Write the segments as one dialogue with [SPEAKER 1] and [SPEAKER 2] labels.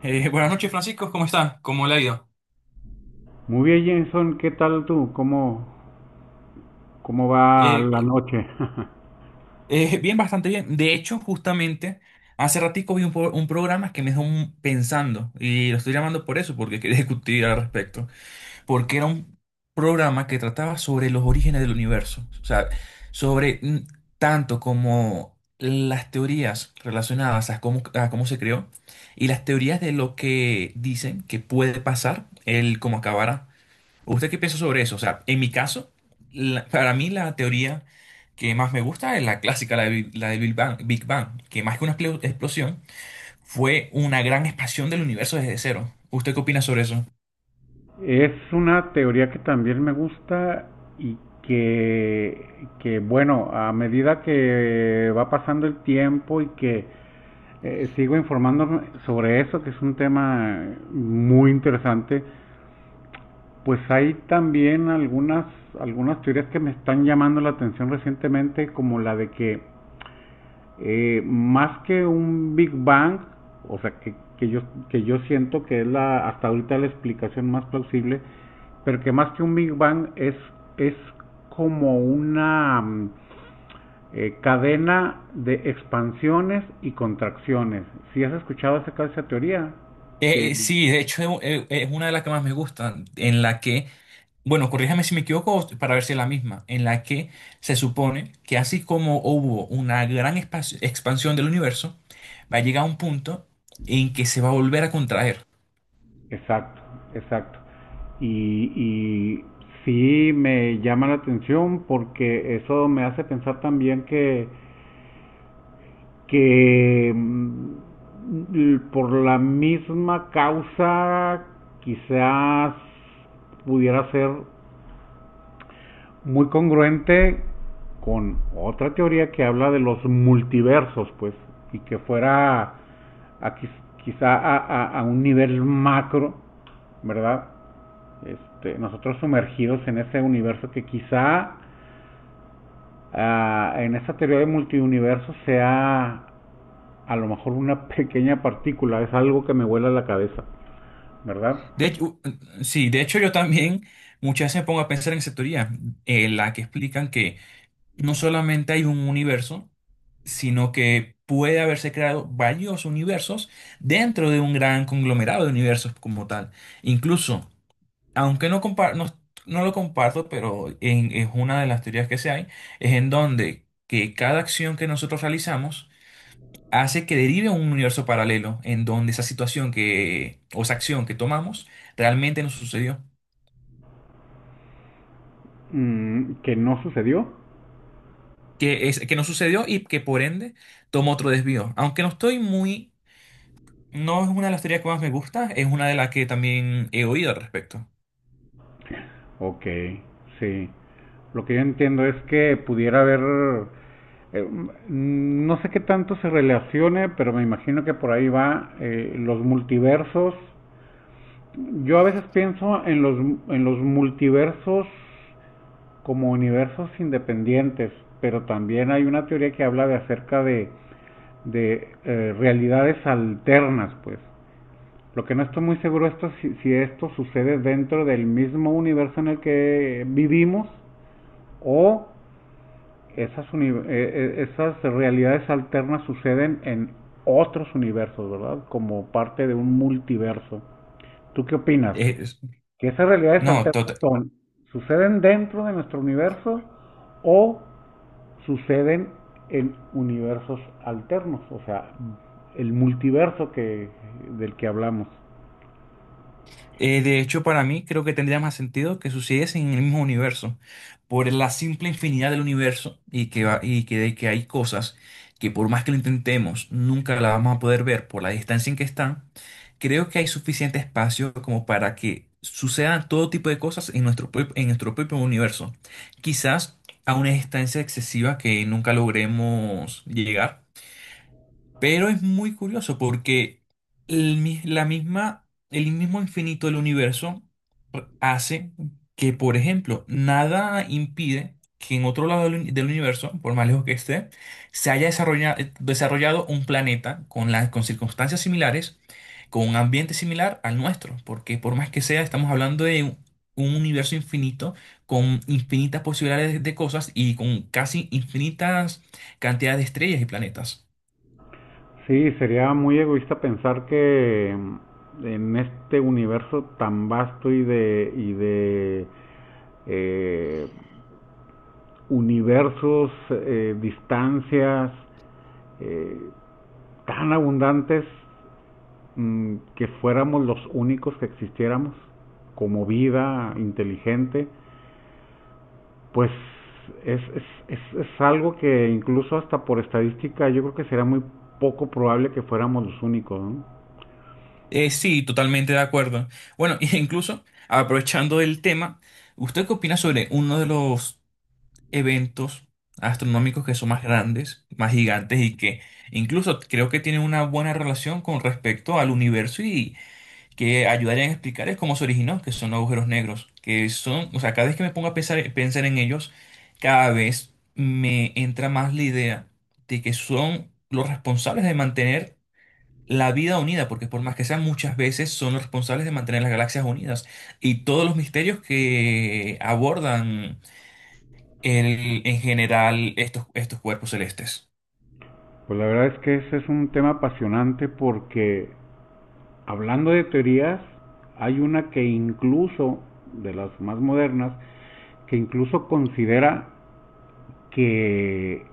[SPEAKER 1] Buenas noches, Francisco, ¿cómo está? ¿Cómo le ha ido?
[SPEAKER 2] Muy bien, Jenson, ¿qué tal tú? ¿Cómo va la
[SPEAKER 1] Eh,
[SPEAKER 2] noche?
[SPEAKER 1] Bien, bastante bien. De hecho, justamente, hace ratico vi un programa que me dejó pensando y lo estoy llamando por eso, porque quería discutir al respecto, porque era un programa que trataba sobre los orígenes del universo, o sea, sobre tanto como las teorías relacionadas a cómo se creó y las teorías de lo que dicen que puede pasar, el cómo acabará. ¿Usted qué piensa sobre eso? O sea, en mi caso, para mí la teoría que más me gusta es la clásica, la del Big Bang, Big Bang, que más que una explosión, fue una gran expansión del universo desde cero. ¿Usted qué opina sobre eso?
[SPEAKER 2] Es una teoría que también me gusta y que, que bueno, a medida que va pasando el tiempo y que sigo informándome sobre eso, que es un tema muy interesante, pues hay también algunas teorías que me están llamando la atención recientemente, como la de que más que un Big Bang, o sea, que yo siento que es hasta ahorita la explicación más plausible, pero que más que un Big Bang es como una cadena de expansiones y contracciones. Si has escuchado acerca de esa teoría, que
[SPEAKER 1] Sí, de hecho es una de las que más me gustan, en la que, bueno, corríjame si me equivoco para ver si es la misma, en la que se supone que así como hubo una gran expansión del universo, va a llegar a un punto en que se va a volver a contraer.
[SPEAKER 2] exacto, exacto. Y sí me llama la atención porque eso me hace pensar también que por la misma causa quizás pudiera ser muy congruente con otra teoría que habla de los multiversos, pues, y que fuera a quizá a un nivel macro, ¿verdad? Este, nosotros sumergidos en ese universo que quizá en esa teoría de multiuniverso sea a lo mejor una pequeña partícula, es algo que me vuela la cabeza, ¿verdad?
[SPEAKER 1] De hecho, sí, de hecho yo también muchas veces me pongo a pensar en esa teoría, en la que explican que no solamente hay un universo, sino que puede haberse creado varios universos dentro de un gran conglomerado de universos como tal. Incluso, aunque no, no, no lo comparto, pero es una de las teorías que se hay, es en donde que cada acción que nosotros realizamos hace que derive a un universo paralelo en donde esa situación que, o esa acción que tomamos realmente nos sucedió.
[SPEAKER 2] Mm, que no sucedió.
[SPEAKER 1] Que, es, que nos sucedió y que por ende tomó otro desvío. Aunque no estoy muy... No es
[SPEAKER 2] Ok, sí. Lo que yo entiendo es que pudiera haber, no sé qué tanto se relacione, pero me imagino que por ahí va los multiversos. Yo a veces pienso en los multiversos como universos independientes, pero también hay una teoría que habla de acerca de realidades alternas, pues. Lo que no estoy muy seguro esto si esto sucede dentro del mismo universo en el que vivimos o esas realidades alternas suceden en otros universos, ¿verdad? Como parte de un multiverso. ¿Tú qué opinas? ¿Que esas realidades
[SPEAKER 1] una.
[SPEAKER 2] alternas suceden dentro de nuestro universo o suceden en universos alternos, o sea, el multiverso que del que hablamos?
[SPEAKER 1] De hecho, para mí creo que tendría más sentido que sucediesen en el mismo universo, por la simple infinidad del universo y que, de que hay cosas que por más que lo intentemos, nunca las vamos a poder ver por la distancia en que están. Creo que hay suficiente espacio como para que sucedan todo tipo de cosas en en nuestro propio universo. Quizás a una distancia excesiva que nunca logremos llegar. Pero es muy curioso porque la misma, el mismo infinito del universo hace que, por ejemplo, nada impide que en otro lado del universo, por más lejos que esté, se haya desarrollado, un planeta con, las con circunstancias similares, con un ambiente similar al nuestro. Porque por más que sea, estamos hablando de un universo infinito con infinitas posibilidades de cosas y con casi infinitas cantidades de estrellas y planetas.
[SPEAKER 2] Sí, sería muy egoísta pensar que en este universo tan vasto y de eh, universos, distancias eh, tan abundantes, que fuéramos los únicos que existiéramos como vida inteligente. Pues es algo que incluso hasta por estadística yo creo que será muy poco probable que fuéramos los únicos, ¿no?
[SPEAKER 1] Sí, totalmente de acuerdo. Bueno, e incluso aprovechando el tema, ¿usted qué opina sobre uno de los eventos astronómicos que son más grandes, más gigantes y que incluso creo que tienen una buena relación con respecto al universo y que ayudarían a explicar es cómo se originó, que son los agujeros negros, que son, o sea, cada vez que me pongo a pensar en ellos, cada vez me entra más la idea de que son los responsables de mantener la vida unida, porque por más que sean muchas veces, son los responsables de mantener las galaxias unidas. Y todos los misterios que abordan en general estos cuerpos celestes.
[SPEAKER 2] Pues la verdad es que ese es un tema apasionante porque hablando de teorías, hay una que incluso, de las más modernas, que incluso considera que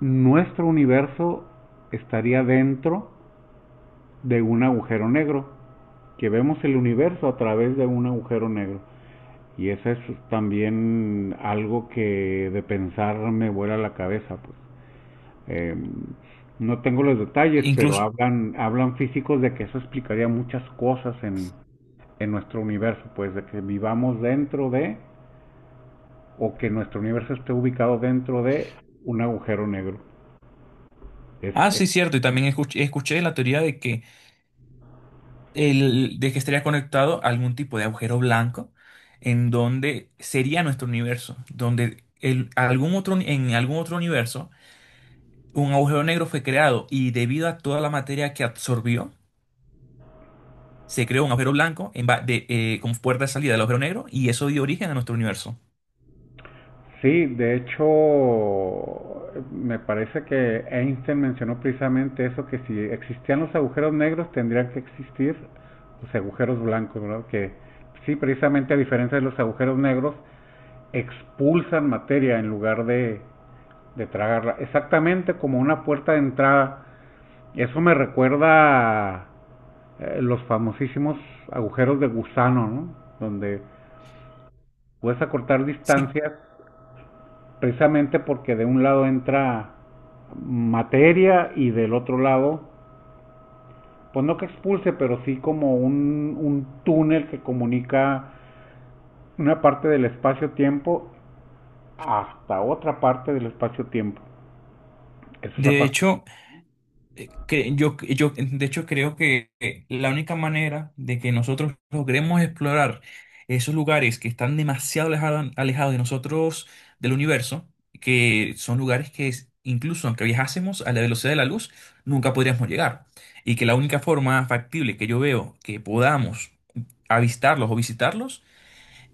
[SPEAKER 2] nuestro universo estaría dentro de un agujero negro, que vemos el universo a través de un agujero negro. Y eso es también algo que de pensar me vuela la cabeza, pues. Eh, no tengo los detalles, pero
[SPEAKER 1] Incluso,
[SPEAKER 2] hablan físicos de que eso explicaría muchas cosas en nuestro universo, pues de que vivamos dentro de, o que nuestro universo esté ubicado dentro de un agujero negro.
[SPEAKER 1] ah,
[SPEAKER 2] Es
[SPEAKER 1] sí, cierto, y también escuché la teoría de que, el, de que estaría conectado a algún tipo de agujero blanco en donde sería nuestro universo, donde el, algún otro, en algún otro universo un agujero negro fue creado y debido a toda la materia que absorbió, se creó un agujero blanco en como puerta de salida del agujero negro y eso dio origen a nuestro universo.
[SPEAKER 2] Sí, de hecho, me parece que Einstein mencionó precisamente eso, que si existían los agujeros negros, tendrían que existir los agujeros blancos, ¿verdad? Que sí, precisamente a diferencia de los agujeros negros, expulsan materia en lugar de tragarla. Exactamente como una puerta de entrada. Eso me recuerda a los famosísimos agujeros de gusano, ¿no? Donde puedes acortar
[SPEAKER 1] Sí,
[SPEAKER 2] distancias precisamente porque de un lado entra materia y del otro lado, pues no que expulse, pero sí como un túnel que comunica una parte del espacio-tiempo hasta otra parte del espacio-tiempo. Eso es
[SPEAKER 1] de
[SPEAKER 2] apasionante.
[SPEAKER 1] hecho, yo de hecho creo que la única manera de que nosotros logremos explorar esos lugares que están demasiado alejados de nosotros, del universo, que son lugares que incluso aunque viajásemos a la velocidad de la luz, nunca podríamos llegar. Y que la única forma factible que yo veo que podamos avistarlos o visitarlos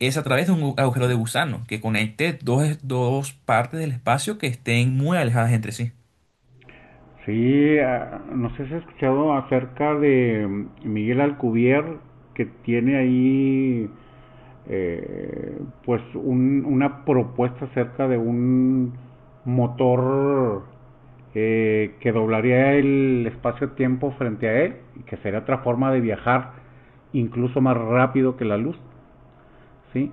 [SPEAKER 1] es a través de un agujero de gusano que conecte dos partes del espacio que estén muy alejadas entre sí.
[SPEAKER 2] Sí, ah, no sé si has escuchado acerca de Miguel Alcubierre, que tiene ahí eh, pues una propuesta acerca de un motor que doblaría el espacio-tiempo frente a él y que sería otra forma de viajar incluso más rápido que la luz, ¿sí?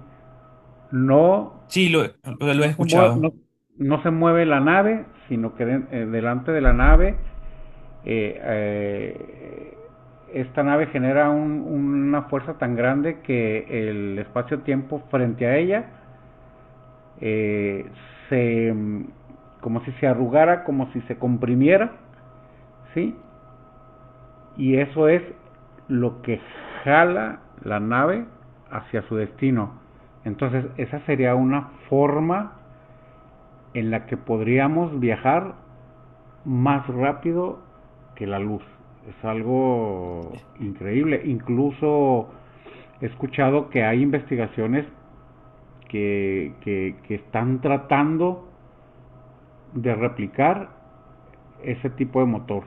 [SPEAKER 2] No,
[SPEAKER 1] Sí, lo he
[SPEAKER 2] no se mueve,
[SPEAKER 1] escuchado.
[SPEAKER 2] no, no se mueve la nave, sino que delante de la nave, eh, eh, esta nave genera una fuerza tan grande que el espacio-tiempo frente a ella eh, se como si se arrugara, como si se comprimiera, ¿sí? Y eso es lo que jala la nave hacia su destino. Entonces, esa sería una forma en la que podríamos viajar más rápido que la luz. Es algo increíble. Incluso he escuchado que hay investigaciones que están tratando de replicar ese tipo de motor.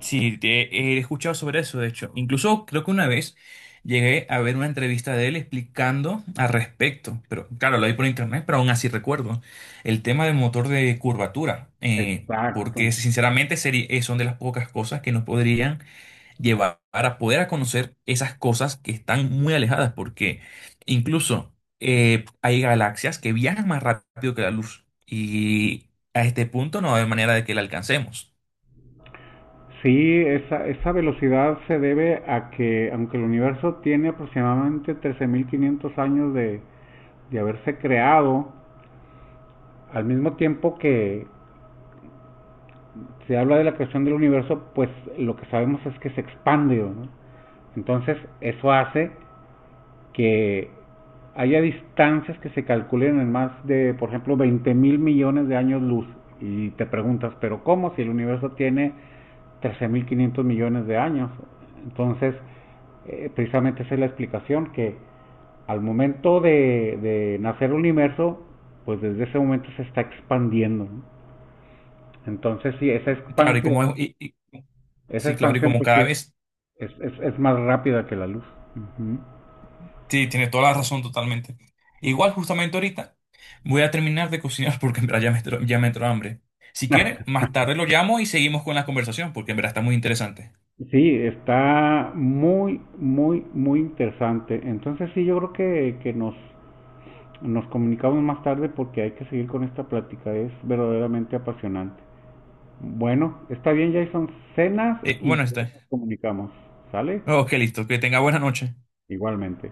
[SPEAKER 1] Sí, he escuchado sobre eso, de hecho. Incluso creo que una vez llegué a ver una entrevista de él explicando al respecto, pero claro, lo vi por internet, pero aún así recuerdo el tema del motor de curvatura,
[SPEAKER 2] Exacto.
[SPEAKER 1] porque sinceramente sería, son de las pocas cosas que nos podrían llevar a poder a conocer esas cosas que están muy alejadas, porque incluso hay galaxias que viajan más rápido que la luz y a este punto no va a haber manera de que la alcancemos.
[SPEAKER 2] Sí, esa velocidad se debe a que, aunque el universo tiene aproximadamente 13.500 años de haberse creado, al mismo tiempo que, se habla de la creación del universo, pues lo que sabemos es que se expande, ¿no? Entonces, eso hace que haya distancias que se calculen en más de, por ejemplo, 20.000 millones de años luz. Y te preguntas, ¿pero cómo? Si el universo tiene 13.500 millones de años. Entonces, precisamente esa es la explicación, que al momento de nacer el universo, pues desde ese momento se está expandiendo, ¿no? Entonces, si esa
[SPEAKER 1] Y claro,
[SPEAKER 2] expansión esa
[SPEAKER 1] sí, claro, y
[SPEAKER 2] expansión
[SPEAKER 1] como
[SPEAKER 2] pues, sí
[SPEAKER 1] cada vez,
[SPEAKER 2] es más rápida que la luz. Ujú.
[SPEAKER 1] sí, tiene toda la razón totalmente. Igual justamente ahorita voy a terminar de cocinar porque en verdad ya me entró hambre. Si quiere, más tarde lo llamo y seguimos con la conversación porque en verdad está muy interesante.
[SPEAKER 2] Sí, está muy, muy, muy interesante. Entonces sí, yo creo que nos, nos comunicamos más tarde porque hay que seguir con esta plática. Es verdaderamente apasionante. Bueno, está bien, Jason. Cenas y
[SPEAKER 1] Bueno,
[SPEAKER 2] luego
[SPEAKER 1] está.
[SPEAKER 2] nos comunicamos. ¿Sale?
[SPEAKER 1] Ok, listo. Que tenga buena noche.
[SPEAKER 2] Igualmente.